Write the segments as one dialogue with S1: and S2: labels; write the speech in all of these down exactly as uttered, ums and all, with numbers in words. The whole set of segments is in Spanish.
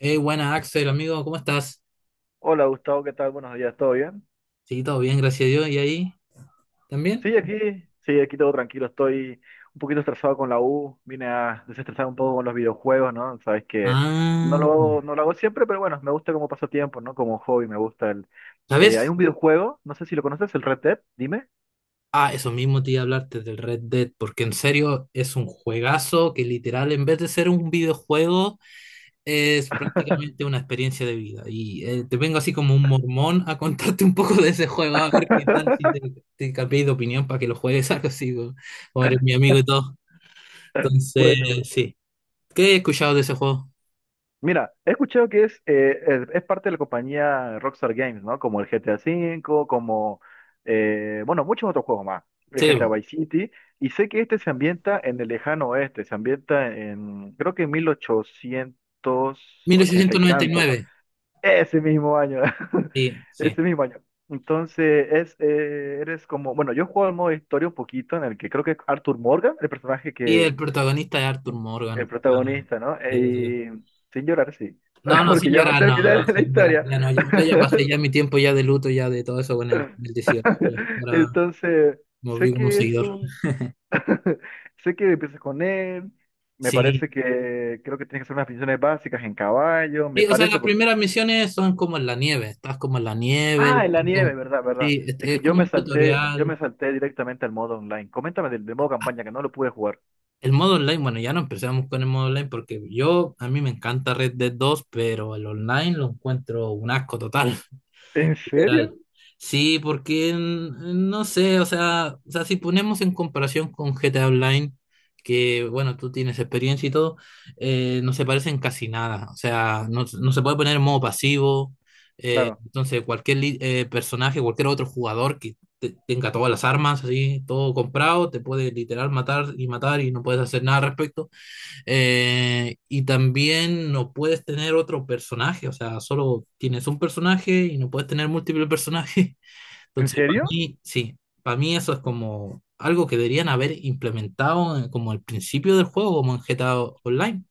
S1: Eh, buena Axel, amigo, ¿cómo estás?
S2: Hola Gustavo, ¿qué tal? Buenos días, ¿todo bien?
S1: Sí, todo bien, gracias a Dios. ¿Y ahí también?
S2: Sí, aquí, sí, aquí todo tranquilo, estoy un poquito estresado con la U, vine a desestresar un poco con los videojuegos, ¿no? Sabes que no
S1: Ah,
S2: lo, hago- no lo hago siempre, pero bueno, me gusta como pasatiempo, ¿no? Como hobby, me gusta el. Eh, hay
S1: ¿sabes?
S2: un videojuego, no sé si lo conoces, el Red Dead, dime.
S1: Ah, eso mismo te iba a hablarte del Red Dead, porque en serio es un juegazo que literal, en vez de ser un videojuego, es prácticamente una experiencia de vida. Y eh, te vengo así como un mormón a contarte un poco de ese juego, a ver qué tal si te, te cambié de opinión para que lo juegues algo así, como como eres mi amigo y todo. Entonces,
S2: Bueno,
S1: sí. ¿Qué he escuchado de ese juego?
S2: mira, he escuchado que es, eh, es, es parte de la compañía Rockstar Games, ¿no? Como el G T A V, como, eh, bueno, muchos otros juegos más, el G T A
S1: Sí,
S2: Vice City, y sé que este se ambienta en el lejano oeste, se ambienta en, creo que en
S1: Mil
S2: mil ochocientos ochenta y
S1: ochocientos noventa y
S2: tanto,
S1: nueve.
S2: ese mismo año.
S1: Sí, sí.
S2: Ese mismo año. Entonces, es, eh, eres como, bueno, yo juego al modo historia un poquito en el que creo que Arthur Morgan, el personaje
S1: Y el
S2: que,
S1: protagonista es Arthur Morgan.
S2: el
S1: Ah,
S2: protagonista, ¿no?
S1: sí,
S2: E,
S1: sí.
S2: Y sin llorar, sí.
S1: No, no,
S2: Porque
S1: sin
S2: ya me
S1: llorar,
S2: sé el
S1: no, no,
S2: final de la
S1: sin llorar.
S2: historia.
S1: Ya no, ya, yo ya pasé ya mi tiempo ya de luto, ya de todo eso con el, el dieciocho ya. Ahora
S2: Entonces,
S1: me
S2: sé
S1: volví como
S2: que es
S1: seguidor.
S2: un. Sé que empiezas con él. Me parece
S1: Sí.
S2: que creo que tienes que hacer unas funciones básicas en caballo.
S1: Sí,
S2: Me
S1: o sea,
S2: parece
S1: las
S2: porque.
S1: primeras misiones son como en la nieve. Estás como en la nieve.
S2: Ah, en la nieve,
S1: como-
S2: ¿verdad? ¿Verdad?
S1: sí, es,
S2: Es que
S1: es
S2: yo
S1: como
S2: me
S1: un
S2: salté, yo me
S1: tutorial.
S2: salté directamente al modo online. Coméntame del, del modo campaña que no lo pude jugar.
S1: El modo online, bueno, ya no empezamos con el modo online porque yo, a mí me encanta Red Dead dos, pero el online lo encuentro un asco total.
S2: ¿En serio?
S1: Literal. Sí, porque mm, no sé, o sea, o sea, si ponemos en comparación con G T A Online, que bueno, tú tienes experiencia y todo, eh, no se parecen casi nada. O sea, no, no se puede poner en modo pasivo. eh,
S2: Claro.
S1: entonces, cualquier li- eh, personaje, cualquier otro jugador que te- tenga todas las armas, así, todo comprado, te puede literal matar y matar y no puedes hacer nada al respecto. Eh, y también no puedes tener otro personaje, o sea, solo tienes un personaje y no puedes tener múltiples personajes.
S2: ¿En
S1: Entonces, para
S2: serio?
S1: mí, sí, para mí eso es como algo que deberían haber implementado en- como al principio del juego, como en G T A Online,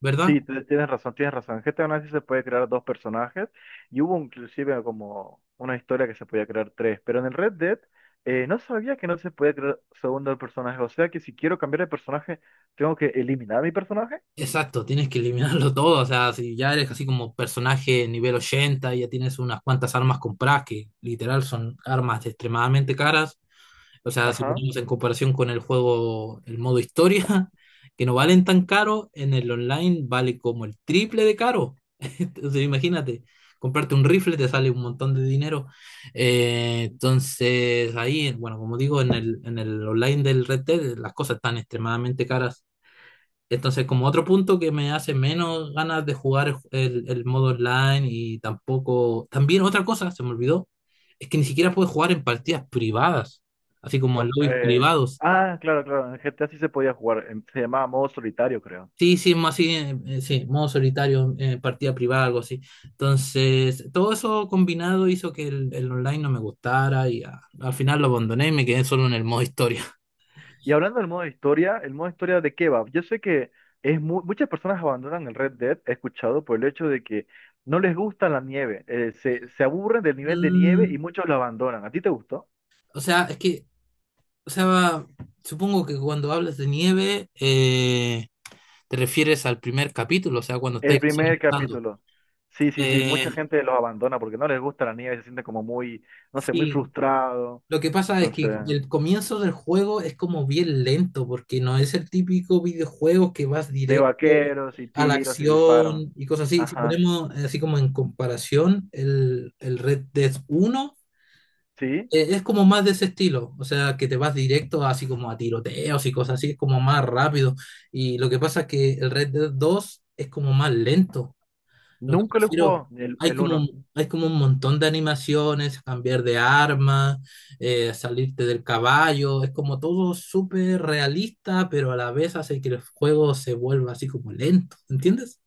S1: ¿verdad?
S2: Sí, te- tienes razón, tienes razón. En G T A Online sí se puede crear dos personajes y hubo inclusive como una historia que se podía crear tres, pero en el Red Dead, eh, no sabía que no se podía crear segundo personaje, o sea que si quiero cambiar de personaje tengo que eliminar a mi personaje.
S1: Exacto, tienes que eliminarlo todo, o sea, si ya eres así como personaje nivel ochenta y ya tienes unas cuantas armas compradas que literal son armas extremadamente caras. O sea, si
S2: Ajá.
S1: ponemos en comparación con el juego, el modo historia, que no valen tan caro, en el online vale como el triple de caro. Entonces, imagínate, comprarte un rifle te sale un montón de dinero. Eh, entonces, ahí, bueno, como digo, en el, en el online del Red Dead las cosas están extremadamente caras. Entonces, como otro punto que me hace menos ganas de jugar el, el modo online y tampoco. También otra cosa, se me olvidó, es que ni siquiera puedes jugar en partidas privadas, así como en
S2: O-
S1: lobbies
S2: eh,
S1: privados.
S2: ah, claro, claro, en G T A sí se podía jugar, em, se llamaba modo solitario, creo.
S1: Sí, sí, más así, eh, eh, sí, modo solitario, eh, partida privada, algo así. Entonces, todo eso combinado hizo que el, el online no me gustara y ah, al final lo abandoné y me quedé solo en el modo historia.
S2: Y hablando del modo historia, ¿el modo historia de qué va? Yo sé que es mu- muchas personas abandonan el Red Dead, he escuchado, por el hecho de que no les gusta la nieve, eh, se, se aburren del nivel de nieve
S1: Mm,
S2: y muchos lo abandonan. ¿A ti te gustó?
S1: o sea, es que, o sea, supongo que cuando hablas de nieve, eh, Te refieres al primer capítulo, o sea, cuando
S2: El
S1: estáis recién
S2: primer
S1: empezando.
S2: capítulo. Sí, sí, sí, mucha
S1: Eh,
S2: gente los abandona porque no les gusta la nieve, se sienten como muy, no sé, muy
S1: sí,
S2: frustrados.
S1: lo que pasa es
S2: Entonces,
S1: que el comienzo del juego es como bien lento, porque no es el típico videojuego que vas
S2: de
S1: directo
S2: vaqueros y
S1: a la
S2: tiros y disparos.
S1: acción y cosas así. Si
S2: Ajá.
S1: ponemos eh, así como en comparación el, el Red Dead uno
S2: ¿Sí?
S1: eh, es como más de ese estilo, o sea, que te vas directo así como a tiroteos y cosas así, es como más rápido. Y lo que pasa es que el Red Dead dos es como más lento. Lo que
S2: Nunca lo
S1: prefiero,
S2: jugó el,
S1: hay
S2: el
S1: como,
S2: uno.
S1: un- hay como un montón de animaciones, cambiar de arma, eh, salirte del caballo, es como todo súper realista, pero a la vez hace que el juego se vuelva así como lento, ¿entiendes?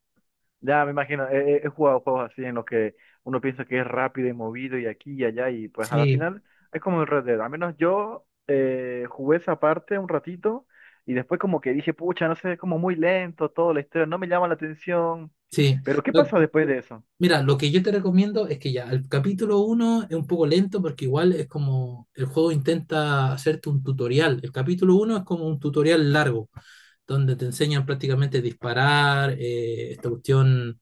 S2: Ya me imagino, he, he- he jugado juegos así en los que uno piensa que es rápido y movido y aquí y allá y pues al
S1: Sí,
S2: final es como el Red Dead. Al menos yo eh, jugué esa parte un ratito y después como que dije, pucha, no sé, es como muy lento todo la historia, no me llama la atención.
S1: Sí,
S2: Pero ¿qué
S1: Lo-
S2: pasa después de eso?
S1: Mira, lo que yo te recomiendo es que ya el capítulo uno es un poco lento porque igual es como el juego intenta hacerte un tutorial. El capítulo uno es como un tutorial largo, donde te enseñan prácticamente disparar, eh, esta cuestión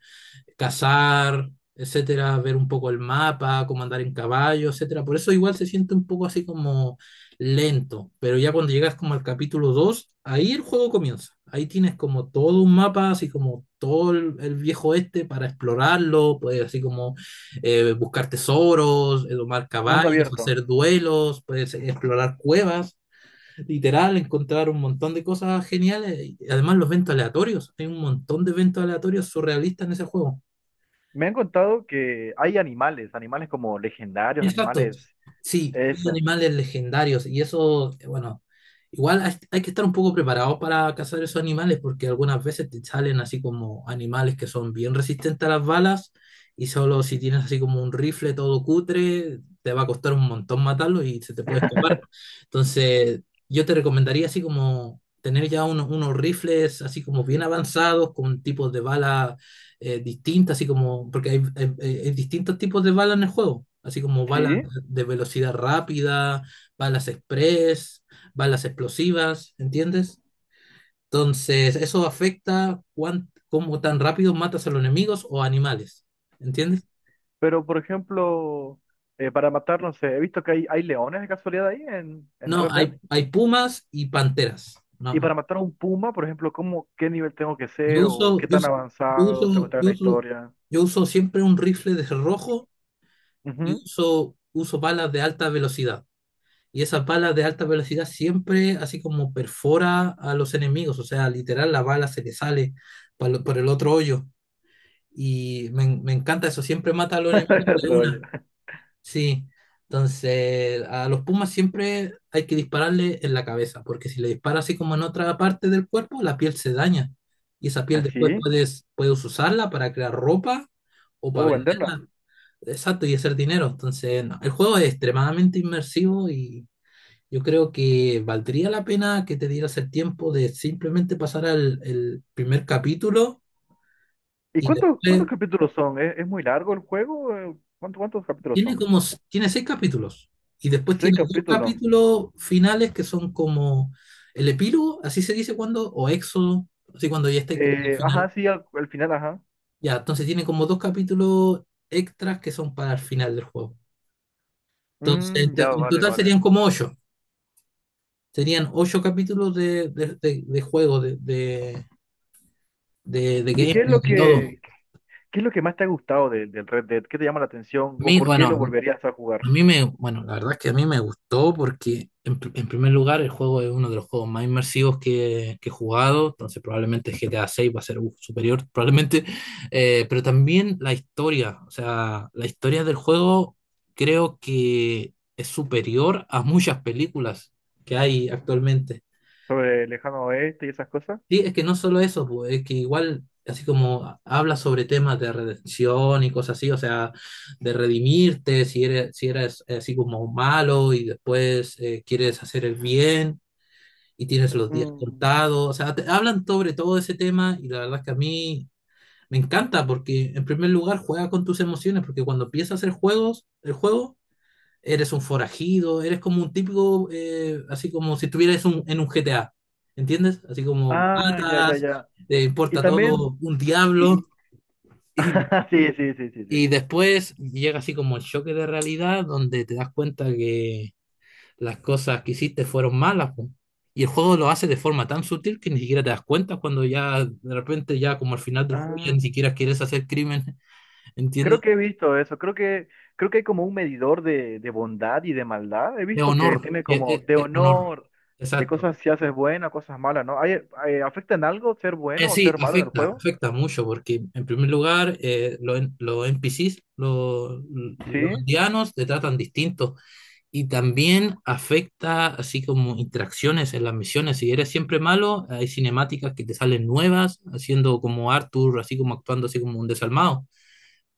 S1: cazar, etcétera, ver un poco el mapa, cómo andar en caballo, etcétera. Por eso igual se siente un poco así como lento, pero ya cuando llegas como al capítulo dos, ahí el juego comienza. Ahí tienes como todo un mapa, así como todo el, el viejo este para explorarlo, puedes así como eh, buscar tesoros, eh, domar
S2: Mundo
S1: caballos,
S2: abierto.
S1: hacer duelos, puedes explorar cuevas. Literal, encontrar un montón de cosas geniales y además los eventos aleatorios. Hay un montón de eventos aleatorios surrealistas en ese juego.
S2: Me han contado que hay animales, animales como legendarios,
S1: Exacto.
S2: animales,
S1: Sí, hay
S2: eso.
S1: animales legendarios y eso, eh, bueno, igual hay, hay que estar un poco preparados para cazar esos animales porque algunas veces te salen así como animales que son bien resistentes a las balas y solo si tienes así como un rifle todo cutre, te va a costar un montón matarlo y se te puede escapar. Entonces, yo te recomendaría así como tener ya uno- unos rifles así como bien avanzados con tipos de balas eh, distintas, así como, porque hay, hay- eh, hay distintos tipos de balas en el juego, así como balas
S2: Sí,
S1: de velocidad rápida, balas express, balas explosivas, ¿entiendes? Entonces, eso afecta cuán, cómo tan rápido matas a los enemigos o animales, ¿entiendes?
S2: pero por ejemplo, eh, para matar, no sé, he visto que hay, hay leones de casualidad ahí en, en
S1: No,
S2: Red Dead.
S1: hay, hay pumas y panteras.
S2: Y
S1: No,
S2: para matar a un puma, por ejemplo, ¿cómo, qué nivel tengo que
S1: yo
S2: ser o
S1: uso,
S2: qué
S1: yo,
S2: tan
S1: uso, yo
S2: avanzado tengo que
S1: uso,
S2: estar en
S1: yo
S2: la
S1: uso
S2: historia?
S1: yo uso siempre un rifle de rojo y
S2: Ujú.
S1: uso, uso balas de alta velocidad. Y esas balas de alta velocidad siempre así como perfora a los enemigos, o sea, literal la bala se le sale pa lo- por el otro hoyo. Y me, en- me encanta eso, siempre mata a los enemigos de
S2: Troya.
S1: una. Sí, entonces a los pumas siempre hay que dispararle en la cabeza, porque si le dispara así como en otra parte del cuerpo, la piel se daña. Y esa piel después
S2: ¿Así?
S1: puedes, puedes usarla para crear ropa o para
S2: ¿Puedo venderla?
S1: venderla. Exacto, y hacer dinero. Entonces, no, el juego es extremadamente inmersivo y yo creo que valdría la pena que te dieras el tiempo de simplemente pasar al el primer capítulo
S2: ¿Y
S1: y
S2: cuántos, cuántos
S1: después
S2: capítulos son? ¿Es, es muy largo el juego? Eh, ¿Cuánto- cuántos capítulos
S1: tiene
S2: son?
S1: como s- tiene seis capítulos y después
S2: Seis
S1: tiene dos
S2: capítulos.
S1: capítulos finales que son como el epílogo, así se dice cuando, o éxodo, así cuando ya estáis como en el
S2: Eh, ajá,
S1: final.
S2: sí, al, al final, ajá.
S1: Ya, entonces tiene como dos capítulos extras que son para el final del juego. Entonces, en
S2: Mm,
S1: to-
S2: ya,
S1: en
S2: vale,
S1: total
S2: vale.
S1: serían como ocho. Serían ocho capítulos de, de, de- de juego, de, de, de, de
S2: ¿Y
S1: game,
S2: qué es lo
S1: de todo.
S2: que, qué es lo que más te ha gustado de- del Red Dead? ¿Qué te llama la atención
S1: A
S2: o
S1: mí,
S2: por qué lo
S1: bueno,
S2: volverías a jugar?
S1: a mí me, bueno, la verdad es que a mí me gustó porque en, pr- en primer lugar el juego es uno de los juegos más inmersivos que, que he jugado, entonces probablemente G T A seis va a ser uf, superior, probablemente, eh, pero también la historia, o sea, la historia del juego creo que es superior a muchas películas que hay actualmente.
S2: ¿Sobre el lejano oeste y esas cosas?
S1: Sí, es que no solo eso, pues, es que igual, así como habla sobre temas de redención y cosas así, o sea, de redimirte, si eres, si eres eh, así como malo y después eh, quieres hacer el bien y tienes los días
S2: Mm,
S1: contados, o sea, te- hablan sobre todo ese tema y la verdad es que a mí me encanta porque en primer lugar juega con tus emociones, porque cuando empiezas a hacer juegos, el juego eres un forajido, eres como un típico, eh, así como si estuvieras un- en un G T A, ¿entiendes? Así como
S2: ah, ya, ya,
S1: matas,
S2: ya.
S1: te
S2: Y
S1: importa
S2: también,
S1: todo, un diablo,
S2: y,
S1: y,
S2: sí, sí, sí, sí,
S1: y
S2: sí.
S1: después llega así como el choque de realidad donde te das cuenta que las cosas que hiciste fueron malas, po. Y el juego lo hace de forma tan sutil que ni siquiera te das cuenta cuando ya de repente ya como al final del juego ya
S2: Ah,
S1: ni siquiera quieres hacer crimen,
S2: creo
S1: ¿entiendes?
S2: que he visto eso. Creo que, creo que hay como un medidor de, de bondad y de maldad. He
S1: De
S2: visto que
S1: honor,
S2: tiene
S1: es,
S2: como
S1: es-
S2: de
S1: es honor,
S2: honor, de
S1: exacto.
S2: cosas si haces buena, cosas malas, ¿no? ¿Hay, eh, afecta en algo ser
S1: Eh,
S2: bueno o
S1: sí,
S2: ser malo en el
S1: afecta,
S2: juego?
S1: afecta mucho porque en primer lugar eh, los, en- los N P Cs, los,
S2: Sí,
S1: los indianos te tratan distinto y también afecta así como interacciones en las misiones. Si eres siempre malo, hay cinemáticas que te salen nuevas, haciendo como Arthur, así como actuando así como un desalmado.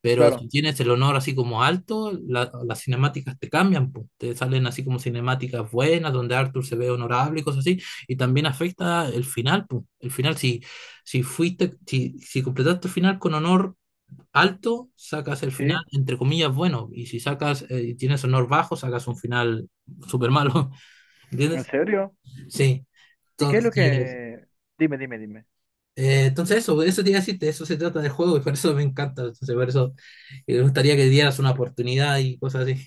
S1: Pero
S2: claro.
S1: si tienes el honor así como alto, la- las cinemáticas te cambian, pues. Te salen así como cinemáticas buenas, donde Arthur se ve honorable y cosas así. Y también afecta el final, pues. El final, si, si fuiste, si, si completaste el final con honor alto, sacas el final,
S2: Sí,
S1: entre comillas, bueno. Y si sacas, eh, y tienes honor bajo, sacas un final súper malo.
S2: ¿en
S1: ¿Entiendes?
S2: serio?
S1: Sí.
S2: ¿Y qué es
S1: Entonces,
S2: lo que? Dime, dime, dime.
S1: eh, entonces eso, eso te iba a decir, de eso se trata del juego y por eso me encanta. Entonces, por eso eh, me gustaría que dieras una oportunidad y cosas así.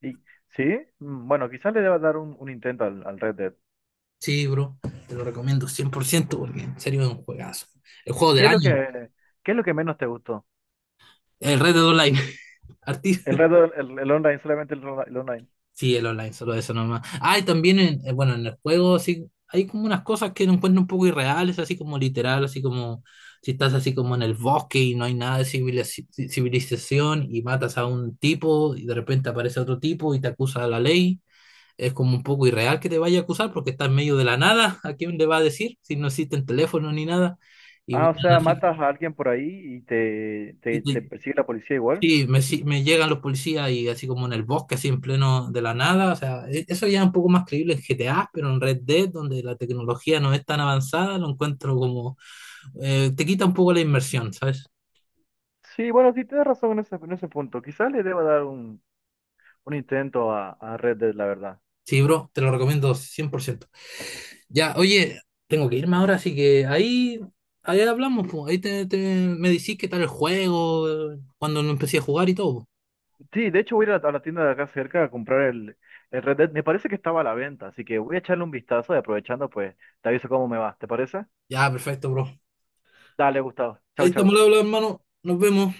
S2: ¿Y, sí? Mm, bueno, quizás le deba dar un, un intento al, al Red Dead.
S1: Sí, bro, te lo recomiendo cien por ciento porque en serio es un juegazo. El juego
S2: ¿Qué
S1: del
S2: es lo
S1: año,
S2: que, qué es lo que menos te gustó?
S1: el Red Dead Online.
S2: El
S1: Arti-
S2: Red Dead, el, el online, solamente el, el online.
S1: Sí, el online, solo eso nomás. Ah, y también, en, eh, bueno, en el juego sí, hay como unas cosas que lo encuentro un poco irreales, así como literal, así como si estás así como en el bosque y no hay nada de civiliz- civilización y matas a un tipo y de repente aparece otro tipo y te acusa a la ley. Es como un poco irreal que te vaya a acusar porque está en medio de la nada. ¿A quién le va a decir si no existen teléfonos ni nada? Y
S2: Ah,
S1: vienen
S2: o sea,
S1: así
S2: matas a alguien por ahí y te,
S1: y
S2: te, te
S1: te,
S2: persigue la policía igual.
S1: Sí, me, si- me llegan los policías y así como en el bosque, así en pleno de la nada. O sea, e- eso ya es un poco más creíble en G T A, pero en Red Dead, donde la tecnología no es tan avanzada, lo encuentro como. Eh, te quita un poco la inmersión, ¿sabes?
S2: Sí, bueno, sí, tienes razón en ese, en ese punto. Quizás le deba dar un, un intento a, a Red Dead, la verdad.
S1: Sí, bro, te lo recomiendo cien por ciento. Ya, oye, tengo que irme ahora, así que ahí, ahí hablamos, po. Ahí te, te- me decís qué tal el juego, eh, cuando lo empecé a jugar y todo.
S2: Sí, de hecho voy a ir a la tienda de acá cerca a comprar el, el Red Dead. Me parece que estaba a la venta, así que voy a echarle un vistazo y aprovechando, pues, te aviso cómo me va. ¿Te parece?
S1: Ya, perfecto, bro.
S2: Dale, Gustavo. Chao,
S1: Ahí estamos, al
S2: chao.
S1: habla, hermano. Nos vemos.